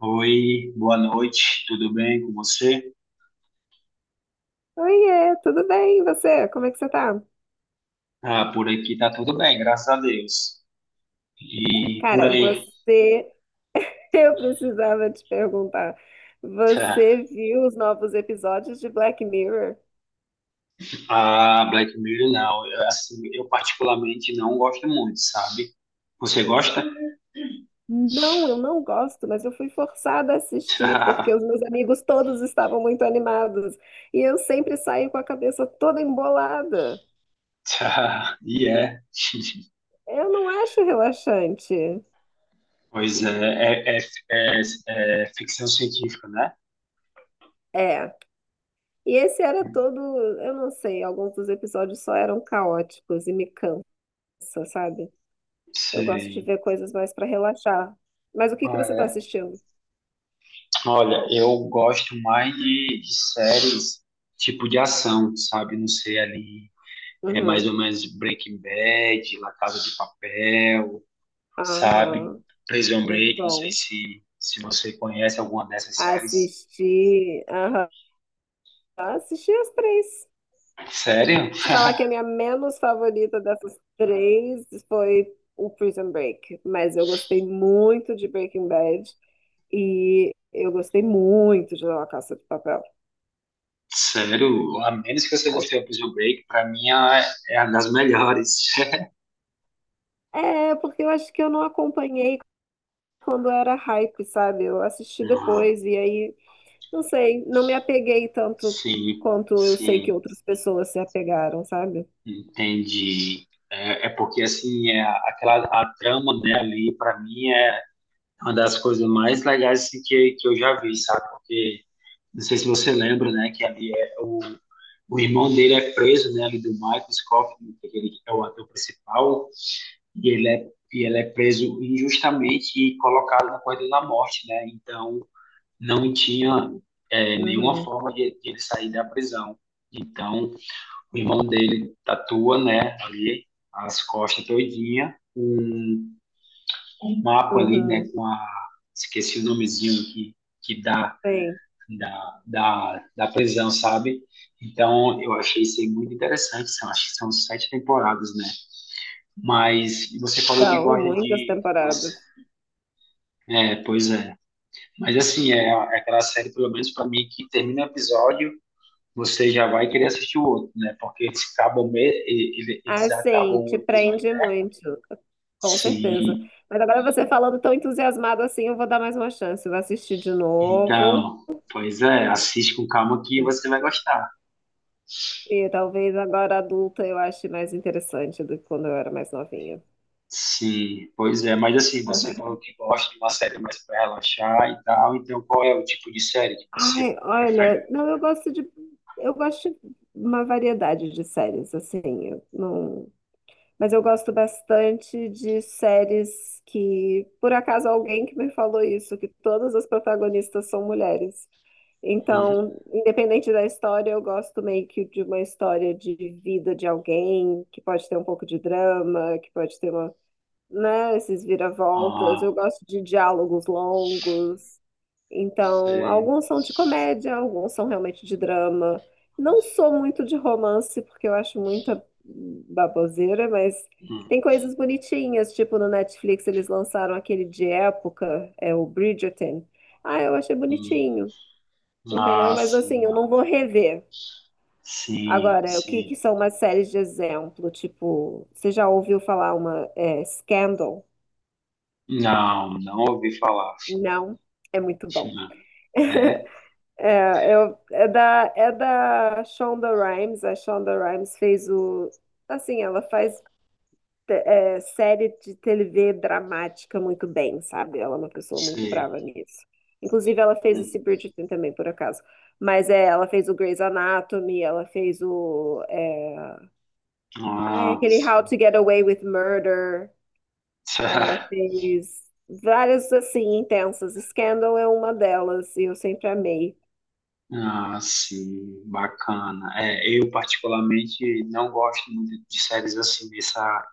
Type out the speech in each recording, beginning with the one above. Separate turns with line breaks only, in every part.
Oi, boa noite, tudo bem com você?
Oiê, tudo bem? E você? Como é que você tá?
Ah, por aqui tá tudo bem, graças a Deus. E por
Cara,
aí,
você. Eu precisava te perguntar.
tá.
Você viu os novos episódios de Black Mirror?
Ah, Black Mirror não, eu, assim, eu particularmente não gosto muito, sabe? Você gosta?
Não, eu não gosto, mas eu fui forçada a assistir
Tá,
porque os meus amigos todos estavam muito animados e eu sempre saio com a cabeça toda embolada.
tá, e é.
Eu não acho relaxante.
Pois é, é, é, é ficção científica, né?
É. E esse era todo, eu não sei, alguns dos episódios só eram caóticos e me cansa, sabe? Eu gosto de
Sei.
ver coisas mais para relaxar. Mas o que que você está
É,
assistindo?
Olha, eu gosto mais de séries tipo de ação, sabe? Não sei ali. É mais
Uhum.
ou menos Breaking Bad, La Casa de Papel, sabe?
Aham.
Prison
Muito
Break, não sei
bom.
se você conhece alguma dessas séries.
Assisti. Aham. Assisti as três.
Sério?
Te falar que a minha menos favorita dessas três foi o Prison Break. Mas eu gostei muito de Breaking Bad. E eu gostei muito de La Casa de Papel.
Sério, a menos que você
Acho-
gostou do Prison Break, pra mim é uma das melhores.
É, porque eu acho que eu não acompanhei quando era hype, sabe? Eu assisti
Ah,
depois. E aí, não sei, não me apeguei tanto
sim,
quanto eu sei que
sim,
outras pessoas se apegaram, sabe?
entendi. É, é porque assim, é aquela a trama, né, ali, pra mim é uma das coisas mais legais assim, que eu já vi, sabe? Porque não sei se você lembra, né? Que ali é o, O irmão dele é preso, né? Ali do Michael Scofield, né, que ele é o ator principal, e ele é preso injustamente e colocado na corrida da morte, né? Então não tinha nenhuma
Uhum,
forma de ele sair da prisão. Então o irmão dele tatua, né? Ali as costas todinha, um mapa ali, né?
uhum.
Com a, esqueci o nomezinho que dá
Sim,
da prisão, sabe? Então, eu achei isso aí muito interessante. São, acho que são sete temporadas, né? Mas você falou que
são
gosta
muitas
de. Nossa,
temporadas.
é, pois é. Mas, assim, é, é aquela série, pelo menos para mim, que termina o episódio, você já vai querer assistir o outro, né? Porque eles acabam,
Ah,
eles acabam
sim,
o
te
episódio,
prende
né?
muito, com certeza.
Sim.
Mas agora você falando tão entusiasmado assim, eu vou dar mais uma chance, eu vou assistir de novo.
Então, pois é, assiste com calma que
E,
você vai gostar.
e talvez agora adulta eu ache mais interessante do que quando eu era mais novinha.
Sim, pois é, mas assim, você falou que gosta de uma série mais para relaxar e tal, então qual é o tipo de série que você
Ai,
prefere?
olha, não, eu gosto de uma variedade de séries, assim, eu não, mas eu gosto bastante de séries que, por acaso, alguém que me falou isso, que todas as protagonistas são mulheres.
Uhum.
Então, independente da história, eu gosto meio que de uma história de vida de alguém, que pode ter um pouco de drama, que pode ter uma, né, esses
Ah,
viravoltas. Eu gosto de diálogos longos. Então,
sei.
alguns são de comédia, alguns são realmente de drama. Não sou muito de romance, porque eu acho muita baboseira, mas
Hum,
tem coisas bonitinhas, tipo no Netflix eles lançaram aquele de época, é o Bridgerton. Ah, eu achei
hum.
bonitinho, entendeu?
Ah,
Mas assim, eu
sim,
não vou rever.
sim,
Agora, o que
sim.
que são umas séries de exemplo? Tipo, você já ouviu falar uma é, Scandal?
Não, não ouvi falar.
Não, é muito bom.
É?
É, eu- é da Shonda Rhimes. A Shonda Rhimes fez o. Assim, ela faz série de TV dramática muito bem, sabe? Ela é uma pessoa muito
Sei.
brava nisso. Inclusive, ela fez esse
Hum.
Bridgerton também, por acaso. Mas é, ela fez o Grey's Anatomy, ela fez o. É, ai,
Ah,
aquele How
sim.
to Get Away with Murder. Ela fez várias, assim, intensas. Scandal é uma delas, e eu sempre amei.
Ah, sim, bacana. É, eu particularmente não gosto muito de séries assim nessa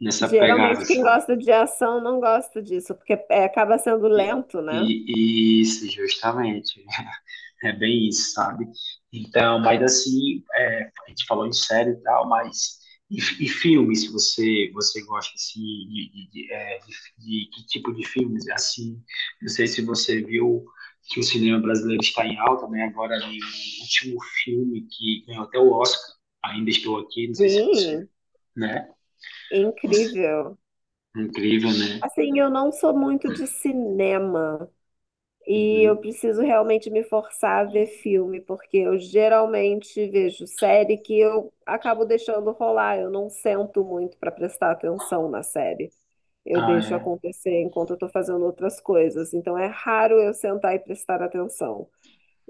nessa pegada,
Geralmente quem
sabe?
gosta de ação não gosta disso, porque é, acaba sendo lento, né?
Isso, justamente. É bem isso, sabe? Então, mas assim, é, a gente falou em série e tal, mas e filmes, você, você gosta assim, de que tipo de filmes? Assim, não sei se você viu que o cinema brasileiro está em alta, né? Agora, ali, o último filme que ganhou até o Oscar, Ainda Estou Aqui, não sei se você,
Sim,
né?
incrível.
Incrível, né?
Assim, eu não sou muito de cinema e eu
Uhum.
preciso realmente me forçar a ver filme, porque eu geralmente vejo série que eu acabo deixando rolar, eu não sento muito para prestar atenção na série. Eu
Ah,
deixo
é.
acontecer enquanto eu estou fazendo outras coisas, então é raro eu sentar e prestar atenção.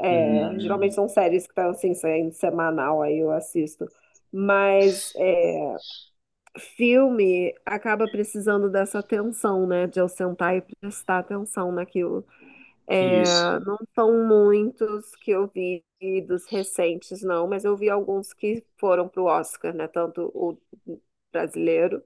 É,
Hum,
geralmente são séries que estão assim, saindo semanal, aí eu assisto. Mas é, filme acaba precisando dessa atenção, né? De eu sentar e prestar atenção naquilo.
isso.
É, não são muitos que eu vi dos recentes, não, mas eu vi alguns que foram pro Oscar, né? Tanto o brasileiro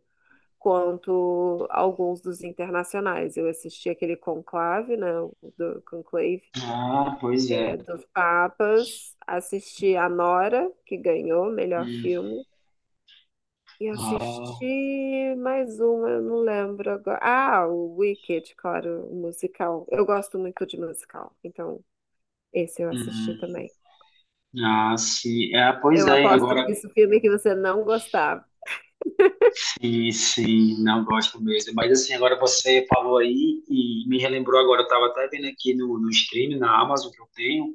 quanto alguns dos internacionais. Eu assisti aquele Conclave, né? O do Conclave
Ah, pois é.
dos Papas, assisti a Nora, que ganhou o melhor
Hum.
filme, e
Ah,
assisti mais uma, eu não lembro agora. Ah, o Wicked, claro, o musical. Eu gosto muito de musical, então esse eu assisti
hum.
também.
Ah, sim. Ah, pois
Eu
é,
aposto
agora
que esse filme que você não gostava.
sim, sim, não gosto mesmo. Mas assim, agora você falou aí e me relembrou agora, eu estava até vendo aqui no stream, na Amazon que eu tenho,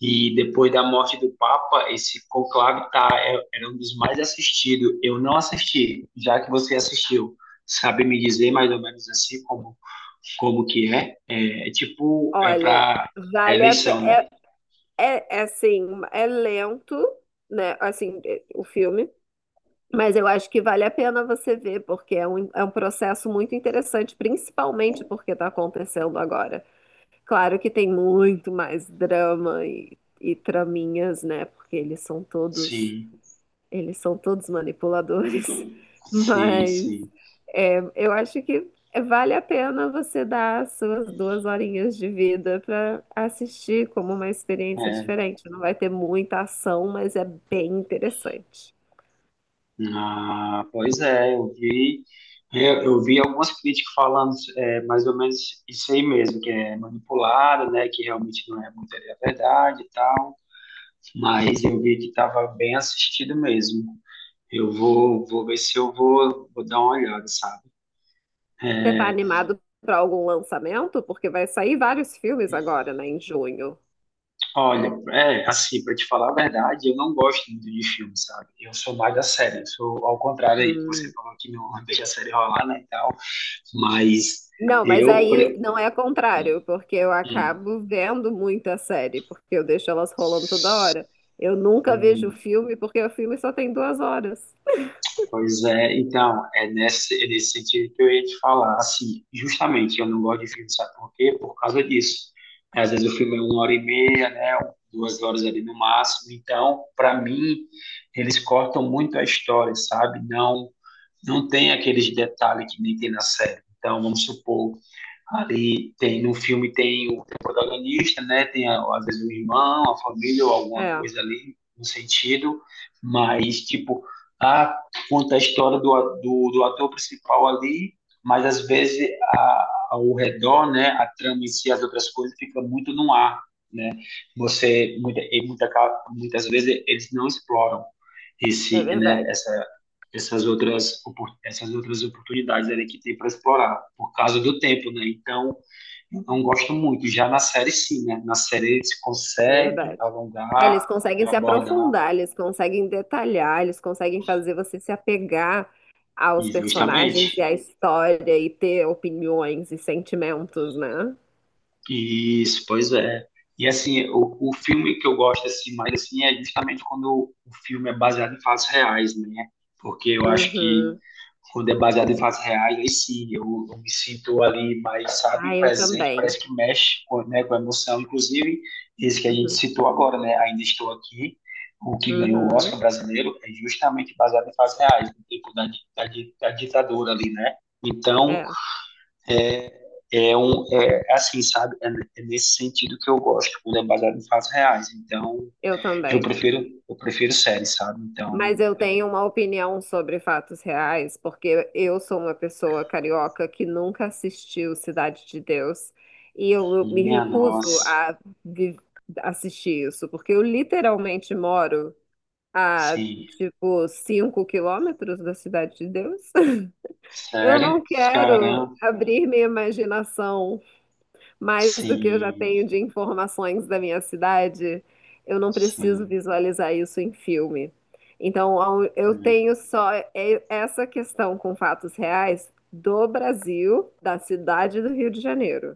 e depois da morte do Papa, esse conclave tá, era um dos mais assistidos. Eu não assisti, já que você assistiu. Sabe me dizer mais ou menos assim como, como que é? É, é tipo, é
Olha,
para
vale a pena.
eleição, né?
É assim, é lento, né? Assim, é- o filme. Mas eu acho que vale a pena você ver, porque é um processo muito interessante, principalmente porque está acontecendo agora. Claro que tem muito mais drama e traminhas, né? Porque
Sim.
eles são todos manipuladores.
Sim,
Mas
sim.
é, eu acho que vale a pena você dar as suas duas horinhas de vida para assistir como uma experiência
É.
diferente. Não vai ter muita ação, mas é bem interessante.
Ah, pois é, eu vi, eu vi algumas críticas falando é, mais ou menos isso aí mesmo, que é manipulado, né, que realmente não é muito a verdade e tal, mas eu vi que estava bem assistido mesmo. Eu vou, vou ver se eu vou, vou dar uma olhada, sabe?
Você tá animado para algum lançamento? Porque vai sair vários filmes agora, né, em junho.
Olha, é, assim, para te falar a verdade, eu não gosto muito de filme, sabe? Eu sou mais da série, eu sou ao contrário aí, que você
Hum.
falou que não deixa a série rolar, né, e tal, mas...
Não, mas
Eu,
aí não é contrário, porque eu
hum.
acabo vendo muita série, porque eu deixo elas rolando toda hora. Eu nunca vejo
Hum,
filme, porque o filme só tem duas horas.
pois é, então, é nesse sentido que eu ia te falar. Assim, justamente, eu não gosto de filme, sabe por quê? Por causa disso. É, às vezes o filme é uma hora e meia, né? Duas horas ali no máximo. Então, para mim, eles cortam muito a história, sabe? Não, não tem aqueles detalhes que nem tem na série. Então, vamos supor. Ali tem, no filme tem o protagonista, né? Tem a- às vezes um irmão, a família ou alguma
É,
coisa ali no sentido, mas tipo, ah, conta a história do, a- do, do ator principal ali, mas às vezes a, ao redor, né? A trama em si, as outras coisas fica muito no ar, né? Você muita, e muita, muitas vezes eles não exploram
é
esse, né?
verdade,
Essas outras, essas outras oportunidades ali que tem para explorar, por causa do tempo, né? Então, eu não gosto muito. Já na série, sim, né? Na série se
é
consegue
verdade. É,
alongar,
eles conseguem se
abordar,
aprofundar, eles conseguem detalhar, eles conseguem fazer você se apegar aos
e
personagens
justamente.
e à história e ter opiniões e sentimentos, né?
Isso, pois é. E assim, o filme que eu gosto assim, mais assim, é justamente quando o filme é baseado em fatos reais, né? Porque eu acho que
Uhum.
quando é baseado em fatos reais, aí sim, eu me sinto ali mais,
Ah,
sabe,
eu
presente,
também.
parece que mexe com, né, com a emoção, inclusive esse que a gente
Uhum.
citou agora, né, Ainda Estou Aqui, o que ganhou o Oscar
Uhum.
brasileiro é justamente baseado em fatos reais, no tempo da, da ditadura ali, né, então,
É,
é, é assim, sabe, é, é nesse sentido que eu gosto, quando é baseado em fatos reais, então,
eu também.
eu prefiro séries, sabe, então,
Mas eu tenho uma opinião sobre fatos reais, porque eu sou uma pessoa carioca que nunca assistiu Cidade de Deus e eu me
minha
recuso
nossa,
a vi- assistir isso, porque eu literalmente moro a,
sim.
tipo, 5 quilômetros da Cidade de Deus. Eu
Sério?
não quero
Caramba.
abrir minha imaginação mais do que eu já
Sim,
tenho de informações da minha cidade, eu não preciso
sim.
visualizar isso em filme. Então, eu
Hum,
tenho só essa questão com fatos reais do Brasil, da cidade do Rio de Janeiro.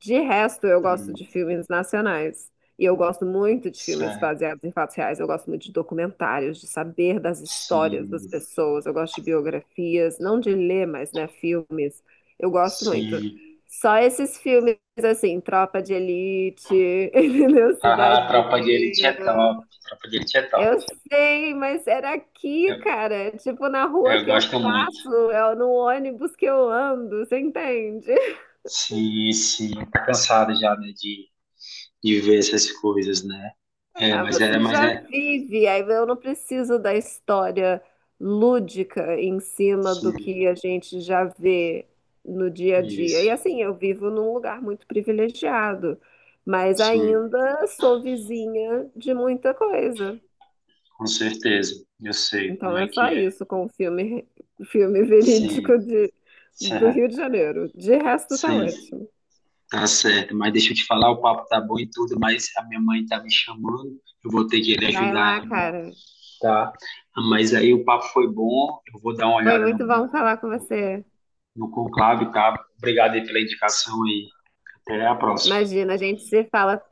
De resto, eu gosto
hum,
de filmes nacionais. E eu gosto muito de filmes
sério.
baseados em fatos reais. Eu gosto muito de documentários, de saber das histórias
Sim,
das pessoas. Eu gosto de biografias, não de ler, mas, né, filmes. Eu gosto muito.
sim.
Só esses filmes, assim, Tropa de Elite, entendeu?
Ah, a
Cidade de
Tropa de Elite é
Deus.
top. Tropa de Elite é top.
Eu sei, mas era aqui,
Eu,
cara. Tipo, na rua
eu
que eu
gosto muito.
passo, é no ônibus que eu ando, você entende?
Sim, sim. Tá cansado já, né, de ver essas coisas, né? É,
Ah,
mas é,
você
mas
já
é.
vive, aí eu não preciso da história lúdica em cima do que
Sim,
a gente já vê no dia a dia. E
isso.
assim, eu vivo num lugar muito privilegiado, mas
Sim,
ainda sou vizinha de muita coisa.
com certeza. Eu sei como
Então
é
é só
que é.
isso com o filme, filme verídico
Sim,
de, do Rio de Janeiro. De resto, tá
sim. Sim.
ótimo.
Tá certo, mas deixa eu te falar, o papo tá bom e tudo, mas a minha mãe tá me chamando, eu vou ter que ir
Vai
ajudar
lá,
ela no,
cara.
tá? Mas aí o papo foi bom, eu vou dar uma
Foi
olhada
muito bom falar com
no,
você.
no conclave, tá? Obrigado aí pela indicação e até a próxima.
Imagina, a gente se fala.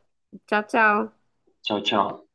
Tchau, tchau.
Tchau, tchau.